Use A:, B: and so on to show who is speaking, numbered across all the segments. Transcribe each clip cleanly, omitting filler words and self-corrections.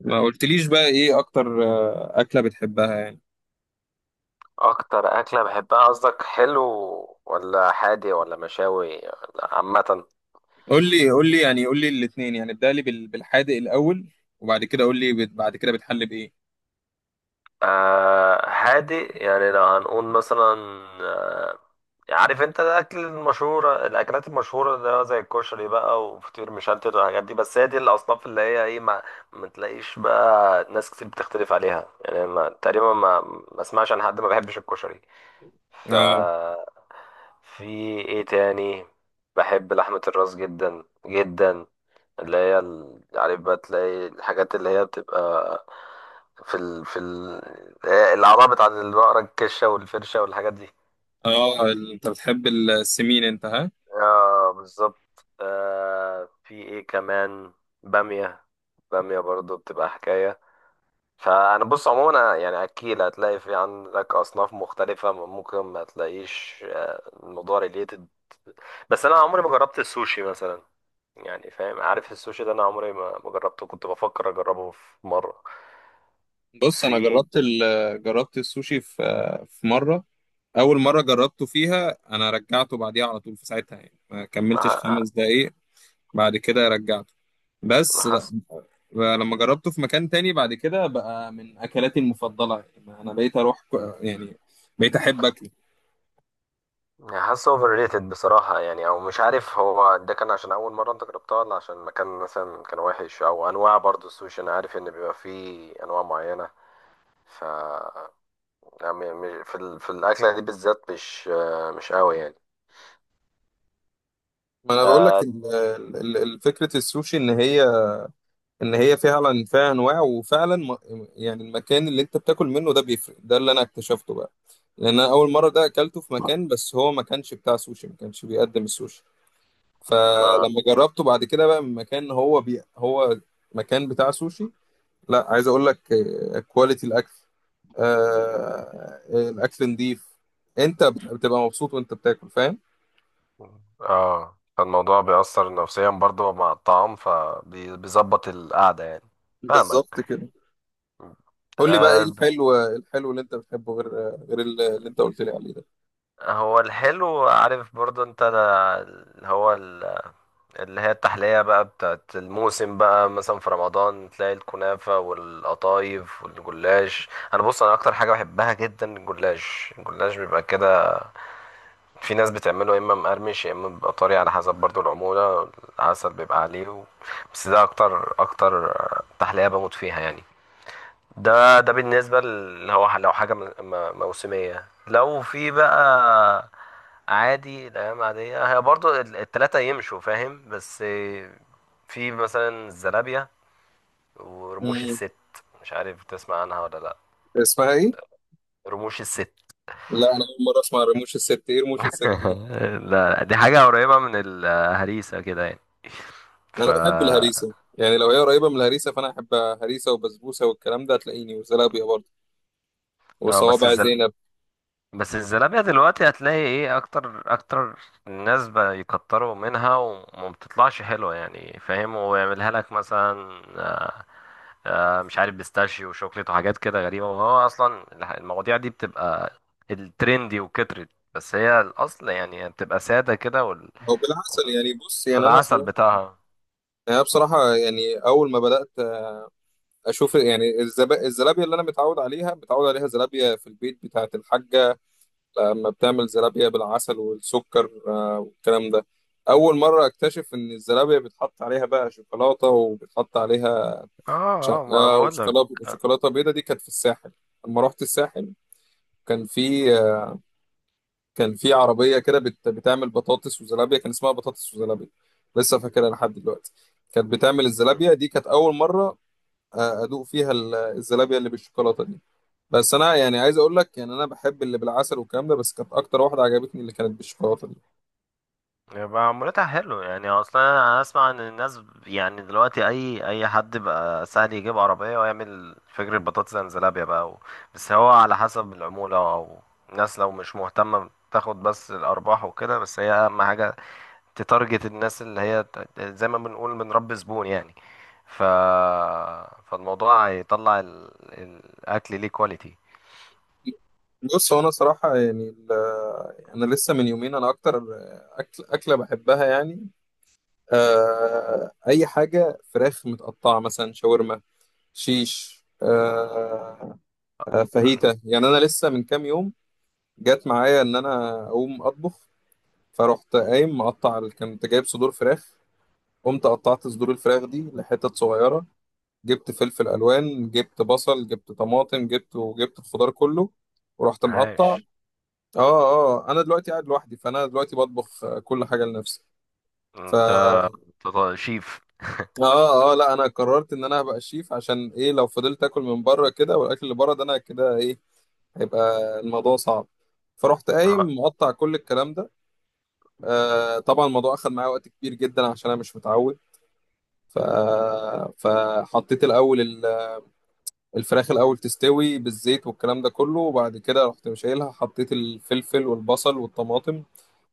A: ما قلتليش بقى ايه اكتر، اكله بتحبها يعني.
B: اكتر اكله بحبها قصدك حلو، ولا حادي ولا مشاوي ولا عامه؟
A: قول لي الاثنين، يعني ابدا لي بالحادق الاول. وبعد كده قول لي، بعد كده بتحل بايه؟
B: هادي يعني لو هنقول مثلا. آه يعني عارف انت الاكل المشهوره، الاكلات المشهوره ده زي الكشري بقى وفطير مشلتت والحاجات دي، بس هي دي الاصناف اللي هي ايه، ما تلاقيش بقى ناس كتير بتختلف عليها. يعني ما اسمعش عن حد ما بيحبش الكشري. ف
A: اه،
B: في ايه تاني؟ بحب لحمه الراس جدا جدا، اللي هي عارف بقى تلاقي الحاجات اللي هي بتبقى في ال... في ال... الأعضاء بتاعت البقرة، الكشة والفرشة والحاجات دي.
A: اه، انت بتحب السمين انت، ها؟
B: اه بالظبط. في ايه كمان؟ بامية. بامية برضو بتبقى حكاية. فأنا بص، عموما أنا يعني أكيد هتلاقي في عندك أصناف مختلفة ممكن ما تلاقيش، الموضوع ريليتد. بس أنا عمري ما جربت السوشي مثلا. يعني فاهم، عارف السوشي ده أنا عمري ما جربته، كنت بفكر أجربه في مرة.
A: بص، انا
B: في
A: جربت السوشي في، في مره. اول مره جربته فيها، انا رجعته بعديها على طول، في ساعتها يعني ما كملتش
B: مع-
A: 5 دقايق. بعد كده رجعته. بس
B: حاسس.
A: لما جربته في مكان تاني بعد كده، بقى من اكلاتي المفضله، يعني انا بقيت اروح ك- يعني بقيت احب اكله.
B: حاسس اوفر ريتد بصراحة. يعني او مش عارف هو ده كان عشان اول مرة انت جربتها، ولا عشان المكان مثلا كان وحش، او انواع برضو السوشي، انا عارف ان بيبقى فيه انواع معينة. ف يعني في الاكلة دي بالذات مش، مش قوي يعني.
A: ما انا بقول لك،
B: آه.
A: فكره السوشي ان هي، فعلا فيها انواع، يعني المكان اللي انت بتاكل منه ده بيفرق، ده اللي انا اكتشفته بقى. لان انا اول مره ده اكلته في مكان، بس هو ما كانش بتاع سوشي، ما كانش بيقدم السوشي.
B: ف
A: فلما جربته بعد كده بقى من مكان، هو مكان بتاع سوشي. لا، عايز اقول لك، كواليتي الاكل، آه، الاكل نضيف، انت بتبقى مبسوط وانت بتاكل، فاهم.
B: اه فالموضوع بيأثر نفسيا برضو مع الطعام، فبيظبط القعدة يعني. فاهمك.
A: بالظبط كده. قول لي بقى ايه
B: آه.
A: الحلو؟ اللي انت بتحبه، غير اللي انت قلت لي عليه ده.
B: هو الحلو، عارف برضو انت هو اللي هي التحلية بقى بتاعت الموسم بقى، مثلا في رمضان تلاقي الكنافة والقطايف والجلاش. انا بص، انا اكتر حاجة بحبها جدا الجلاش. الجلاش بيبقى كده، في ناس بتعمله يا اما مقرمش يا اما بيبقى طري، على حسب برضو العمولة، العسل بيبقى عليه و... بس ده اكتر اكتر تحلية بموت فيها يعني. ده ده بالنسبة اللي هو لو حاجة موسمية، لو في بقى. عادي الأيام عادية هي برضو التلاتة يمشوا، فاهم. بس في مثلا الزلابية ورموش
A: امم.
B: الست. مش عارف تسمع عنها ولا لأ.
A: اسمها ايه؟
B: رموش الست.
A: لا، انا اول مره اسمع رموش الست، ايه رموش الست دي؟
B: لا لا، دي حاجة قريبة من الهريسة كده يعني. ف
A: انا بحب الهريسه يعني، لو هي قريبه من الهريسه فانا احب هريسه وبسبوسه والكلام ده هتلاقيني، وزلابيه برضه،
B: اه.
A: وصوابع زينب.
B: بس الزلابية دلوقتي هتلاقي ايه، اكتر اكتر الناس بيكتروا منها وما بتطلعش حلوة يعني، فاهم. ويعملها لك مثلا، مش عارف بيستاشيو وشوكليت وحاجات كده غريبة. وهو اصلا المواضيع دي بتبقى الترندي وكترت، بس هي الاصل يعني بتبقى سادة كده وال...
A: او بالعسل يعني. بص، يعني انا
B: والعسل
A: صراحه
B: بتاعها.
A: يعني أنا بصراحه، يعني اول ما بدات اشوف يعني، الزلابيه اللي انا متعود عليها، متعود عليها زلابيه في البيت بتاعه الحاجه، لما بتعمل زلابيه بالعسل والسكر، آه، والكلام ده. اول مره اكتشف ان الزلابيه بيتحط عليها بقى شوكولاته، وبيتحط عليها
B: اه اه، ما
A: شقه
B: بقول لك،
A: وشوكولاته، بيضه. دي كانت في الساحل لما رحت الساحل. كان في كان في عربيه كده، بتعمل بطاطس وزلابيه، كان اسمها بطاطس وزلابيه، لسه فاكرها لحد دلوقتي. كانت بتعمل الزلابيه دي، كانت اول مره ادوق فيها الزلابيه اللي بالشوكولاته دي. بس انا يعني عايز اقول لك، يعني انا بحب اللي بالعسل والكلام ده، بس كانت اكتر واحده عجبتني اللي كانت بالشوكولاته دي.
B: يبقى عمولتها حلو يعني. اصلا انا اسمع ان الناس، يعني دلوقتي اي حد بقى سهل يجيب عربيه ويعمل فجر البطاطس انزلابيا بقى و... بس هو على حسب العموله، او الناس لو مش مهتمه تاخد بس الارباح وكده، بس هي اهم حاجه تتارجت الناس اللي هي زي ما بنقول بنربي زبون يعني. ف فالموضوع هيطلع ال... الاكل ليه كواليتي.
A: بص، هو انا صراحه يعني يعني انا لسه من يومين، انا اكتر اكله بحبها يعني، آه، اي حاجه فراخ متقطعه، مثلا شاورما، شيش، آه، فاهيتا. يعني انا لسه من كام يوم جات معايا ان انا اقوم اطبخ. فرحت قايم مقطع، كنت جايب صدور فراخ، قمت قطعت صدور الفراخ دي لحتت صغيره، جبت فلفل الوان، جبت بصل، جبت طماطم، وجبت الخضار كله، ورحت مقطع.
B: عاش.
A: اه، اه، انا دلوقتي قاعد لوحدي، فانا دلوقتي بطبخ، كل حاجه لنفسي. ف
B: انت. أنت شيف؟
A: اه، اه، لا، انا قررت ان انا هبقى شيف. عشان ايه؟ لو فضلت اكل من بره كده، والاكل اللي بره ده، انا كده ايه هيبقى؟ الموضوع صعب. فرحت قايم مقطع كل الكلام ده. آه، طبعا الموضوع اخد معايا وقت كبير جدا عشان انا مش متعود. ف... فحطيت الاول الفراخ، الاول تستوي بالزيت والكلام ده كله، وبعد كده رحت مشيلها، حطيت الفلفل والبصل والطماطم،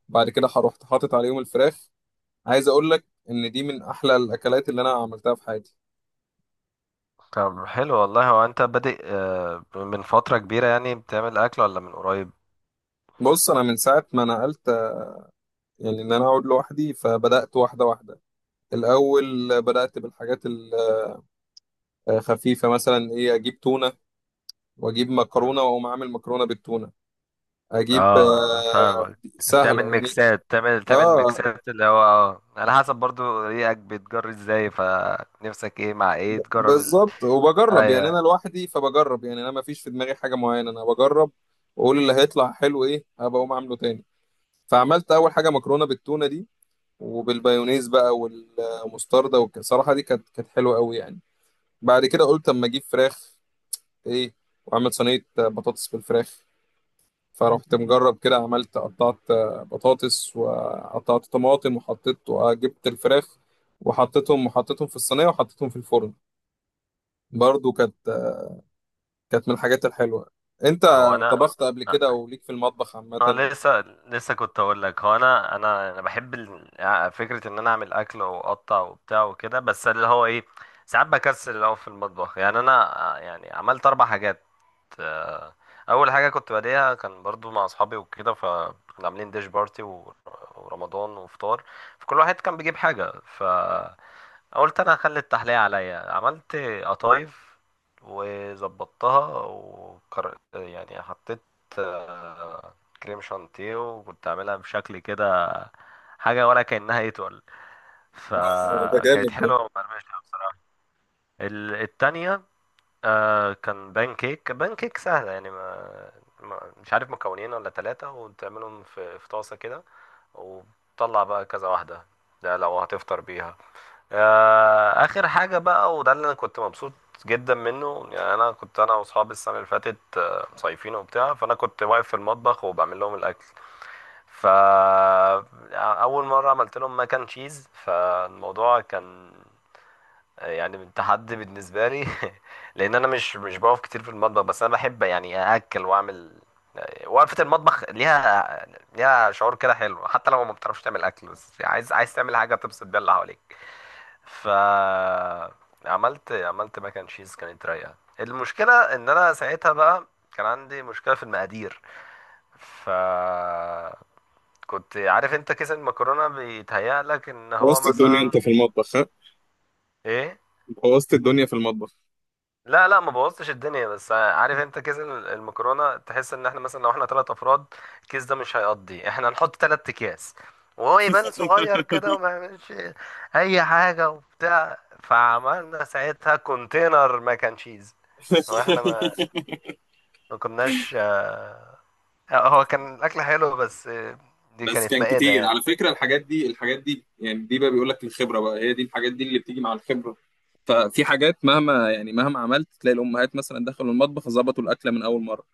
A: بعد كده رحت حاطط عليهم الفراخ. عايز اقول لك ان دي من احلى الاكلات اللي انا عملتها في حياتي.
B: طب حلو والله. هو انت بادئ، من فترة كبيرة يعني بتعمل اكل، ولا من قريب؟
A: بص، انا من ساعه ما نقلت، يعني ان انا اقعد لوحدي، فبدات واحده واحده. الاول بدات بالحاجات الخفيفه، مثلا ايه، اجيب تونه واجيب
B: مم.
A: مكرونه واقوم اعمل مكرونه بالتونه. اجيب،
B: اه، فاهمك. تعمل
A: سهله يعني.
B: ميكسات، تعمل
A: اه،
B: ميكسات اللي هو اه على حسب برضو ريقك بتجري ازاي، فنفسك ايه مع ايه، تجرب ال...
A: بالظبط، وبجرب يعني، انا
B: ايوه.
A: لوحدي فبجرب، يعني انا ما فيش في دماغي حاجه معينه، انا بجرب واقول اللي هيطلع حلو ايه هبقى اقوم اعمله تاني. فعملت اول حاجه مكرونه بالتونه دي، وبالبايونيز بقى والمستردة، والصراحه دي كانت حلوه قوي يعني. بعد كده قلت اما اجيب فراخ ايه، واعمل صينيه بطاطس بالفراخ. فرحت مجرب كده، عملت، قطعت بطاطس وقطعت طماطم وحطيت وجبت الفراخ، وحطيتهم في الصينيه، وحطيتهم في الفرن. برضو كانت من الحاجات الحلوة. انت
B: هو انا،
A: طبخت قبل كده او ليك في المطبخ عامة؟
B: انا لسه لسه كنت اقول لك، هو انا بحب فكره ان انا اعمل اكل واقطع وبتاع وكده، بس اللي هو ايه، ساعات بكسل اللي هو في المطبخ يعني. انا يعني عملت اربع حاجات. آه. اول حاجه كنت باديها كان برضو مع اصحابي وكده، فكنا عاملين ديش بارتي ورمضان وفطار، فكل واحد كان بيجيب حاجه. قلت انا هخلي التحلية عليا. عملت قطايف وظبطتها وكر... يعني حطيت آه، كريم شانتيه، وكنت عاملها بشكل كده حاجة ولا كأنها يتقل،
A: ده جامد
B: فكانت
A: ده.
B: حلوة ومقرمشة بصراحة. التانية آه كان بان كيك. بان كيك سهلة يعني، ما مش عارف مكونين ولا ثلاثة وتعملهم في في طاسة كده، وتطلع بقى كذا واحدة. ده لو هتفطر بيها. آه. آخر حاجة بقى، وده اللي أنا كنت مبسوط جدا منه، يعني أنا كنت أنا وأصحابي السنة اللي فاتت مصيفين وبتاع، فأنا كنت واقف في المطبخ وبعمل لهم الأكل. فا أول مرة عملت لهم ماكن تشيز، فالموضوع كان يعني تحدي بالنسبه لي. لان انا مش بقف كتير في المطبخ، بس انا بحب يعني ااكل واعمل. وقفه المطبخ ليها، ليها شعور كده حلو، حتى لو ما بتعرفش تعمل اكل، بس عايز تعمل حاجه تبسط بيها اللي حواليك. ف عملت ماك اند تشيز، كانت رايقه. المشكله ان انا ساعتها بقى كان عندي مشكله في المقادير. ف كنت عارف انت كيس المكرونه بيتهيأ لك ان هو
A: بوظت الدنيا
B: مثلا
A: انت في المطبخ، ها؟
B: ايه.
A: بوظت الدنيا في المطبخ.
B: لا لا، ما بوظتش الدنيا. بس عارف انت كيس المكرونه تحس ان احنا مثلا لو احنا ثلاث افراد الكيس ده مش هيقضي، احنا نحط ثلاث اكياس وهو يبان صغير كده وما يعملش اي حاجه وبتاع. فعملنا ساعتها كونتينر ماك اند تشيز. هو احنا ما كناش اه، هو كان الاكل حلو بس اه، دي
A: بس
B: كانت
A: كان
B: مائده
A: كتير
B: يعني.
A: على فكرة. الحاجات دي، يعني دي بقى بيقول لك الخبرة بقى، هي دي الحاجات دي اللي بتيجي مع الخبرة. ففي حاجات، مهما عملت تلاقي الأمهات مثلا دخلوا المطبخ ظبطوا الأكلة من أول مرة،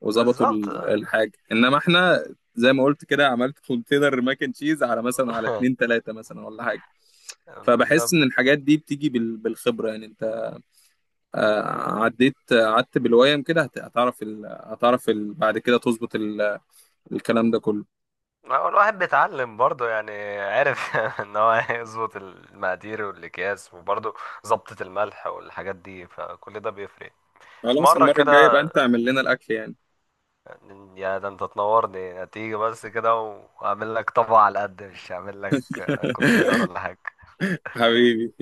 A: وظبطوا
B: بالظبط اه.
A: الحاجة، إنما إحنا زي ما قلت كده عملت كونتينر ماك اند تشيز على، مثلا على اتنين تلاتة، مثلا ولا حاجة. فبحس
B: بالظبط.
A: ان الحاجات دي بتيجي بالخبره يعني. انت، آه، عديت، قعدت بالويم كده، بعد كده تظبط الكلام ده كله.
B: ما هو الواحد بيتعلم برضه يعني، عارف، ان هو يظبط المقادير والاكياس، وبرضه ظبطة الملح والحاجات دي، فكل ده بيفرق. في
A: خلاص،
B: مرة
A: المره الجايه بقى
B: كده
A: انت اعمل لنا الاكل يعني.
B: يا ده انت تنورني، هتيجي بس كده واعمل لك طبق على قد، مش هعمل لك كونتينر ولا حاجة.
A: حبيبي.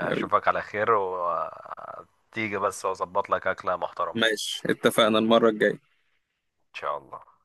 A: حبيبي.
B: على خير، وتيجي بس واظبط لك اكلة محترمة.
A: ماشي، اتفقنا المره الجايه.
B: ان شاء الله.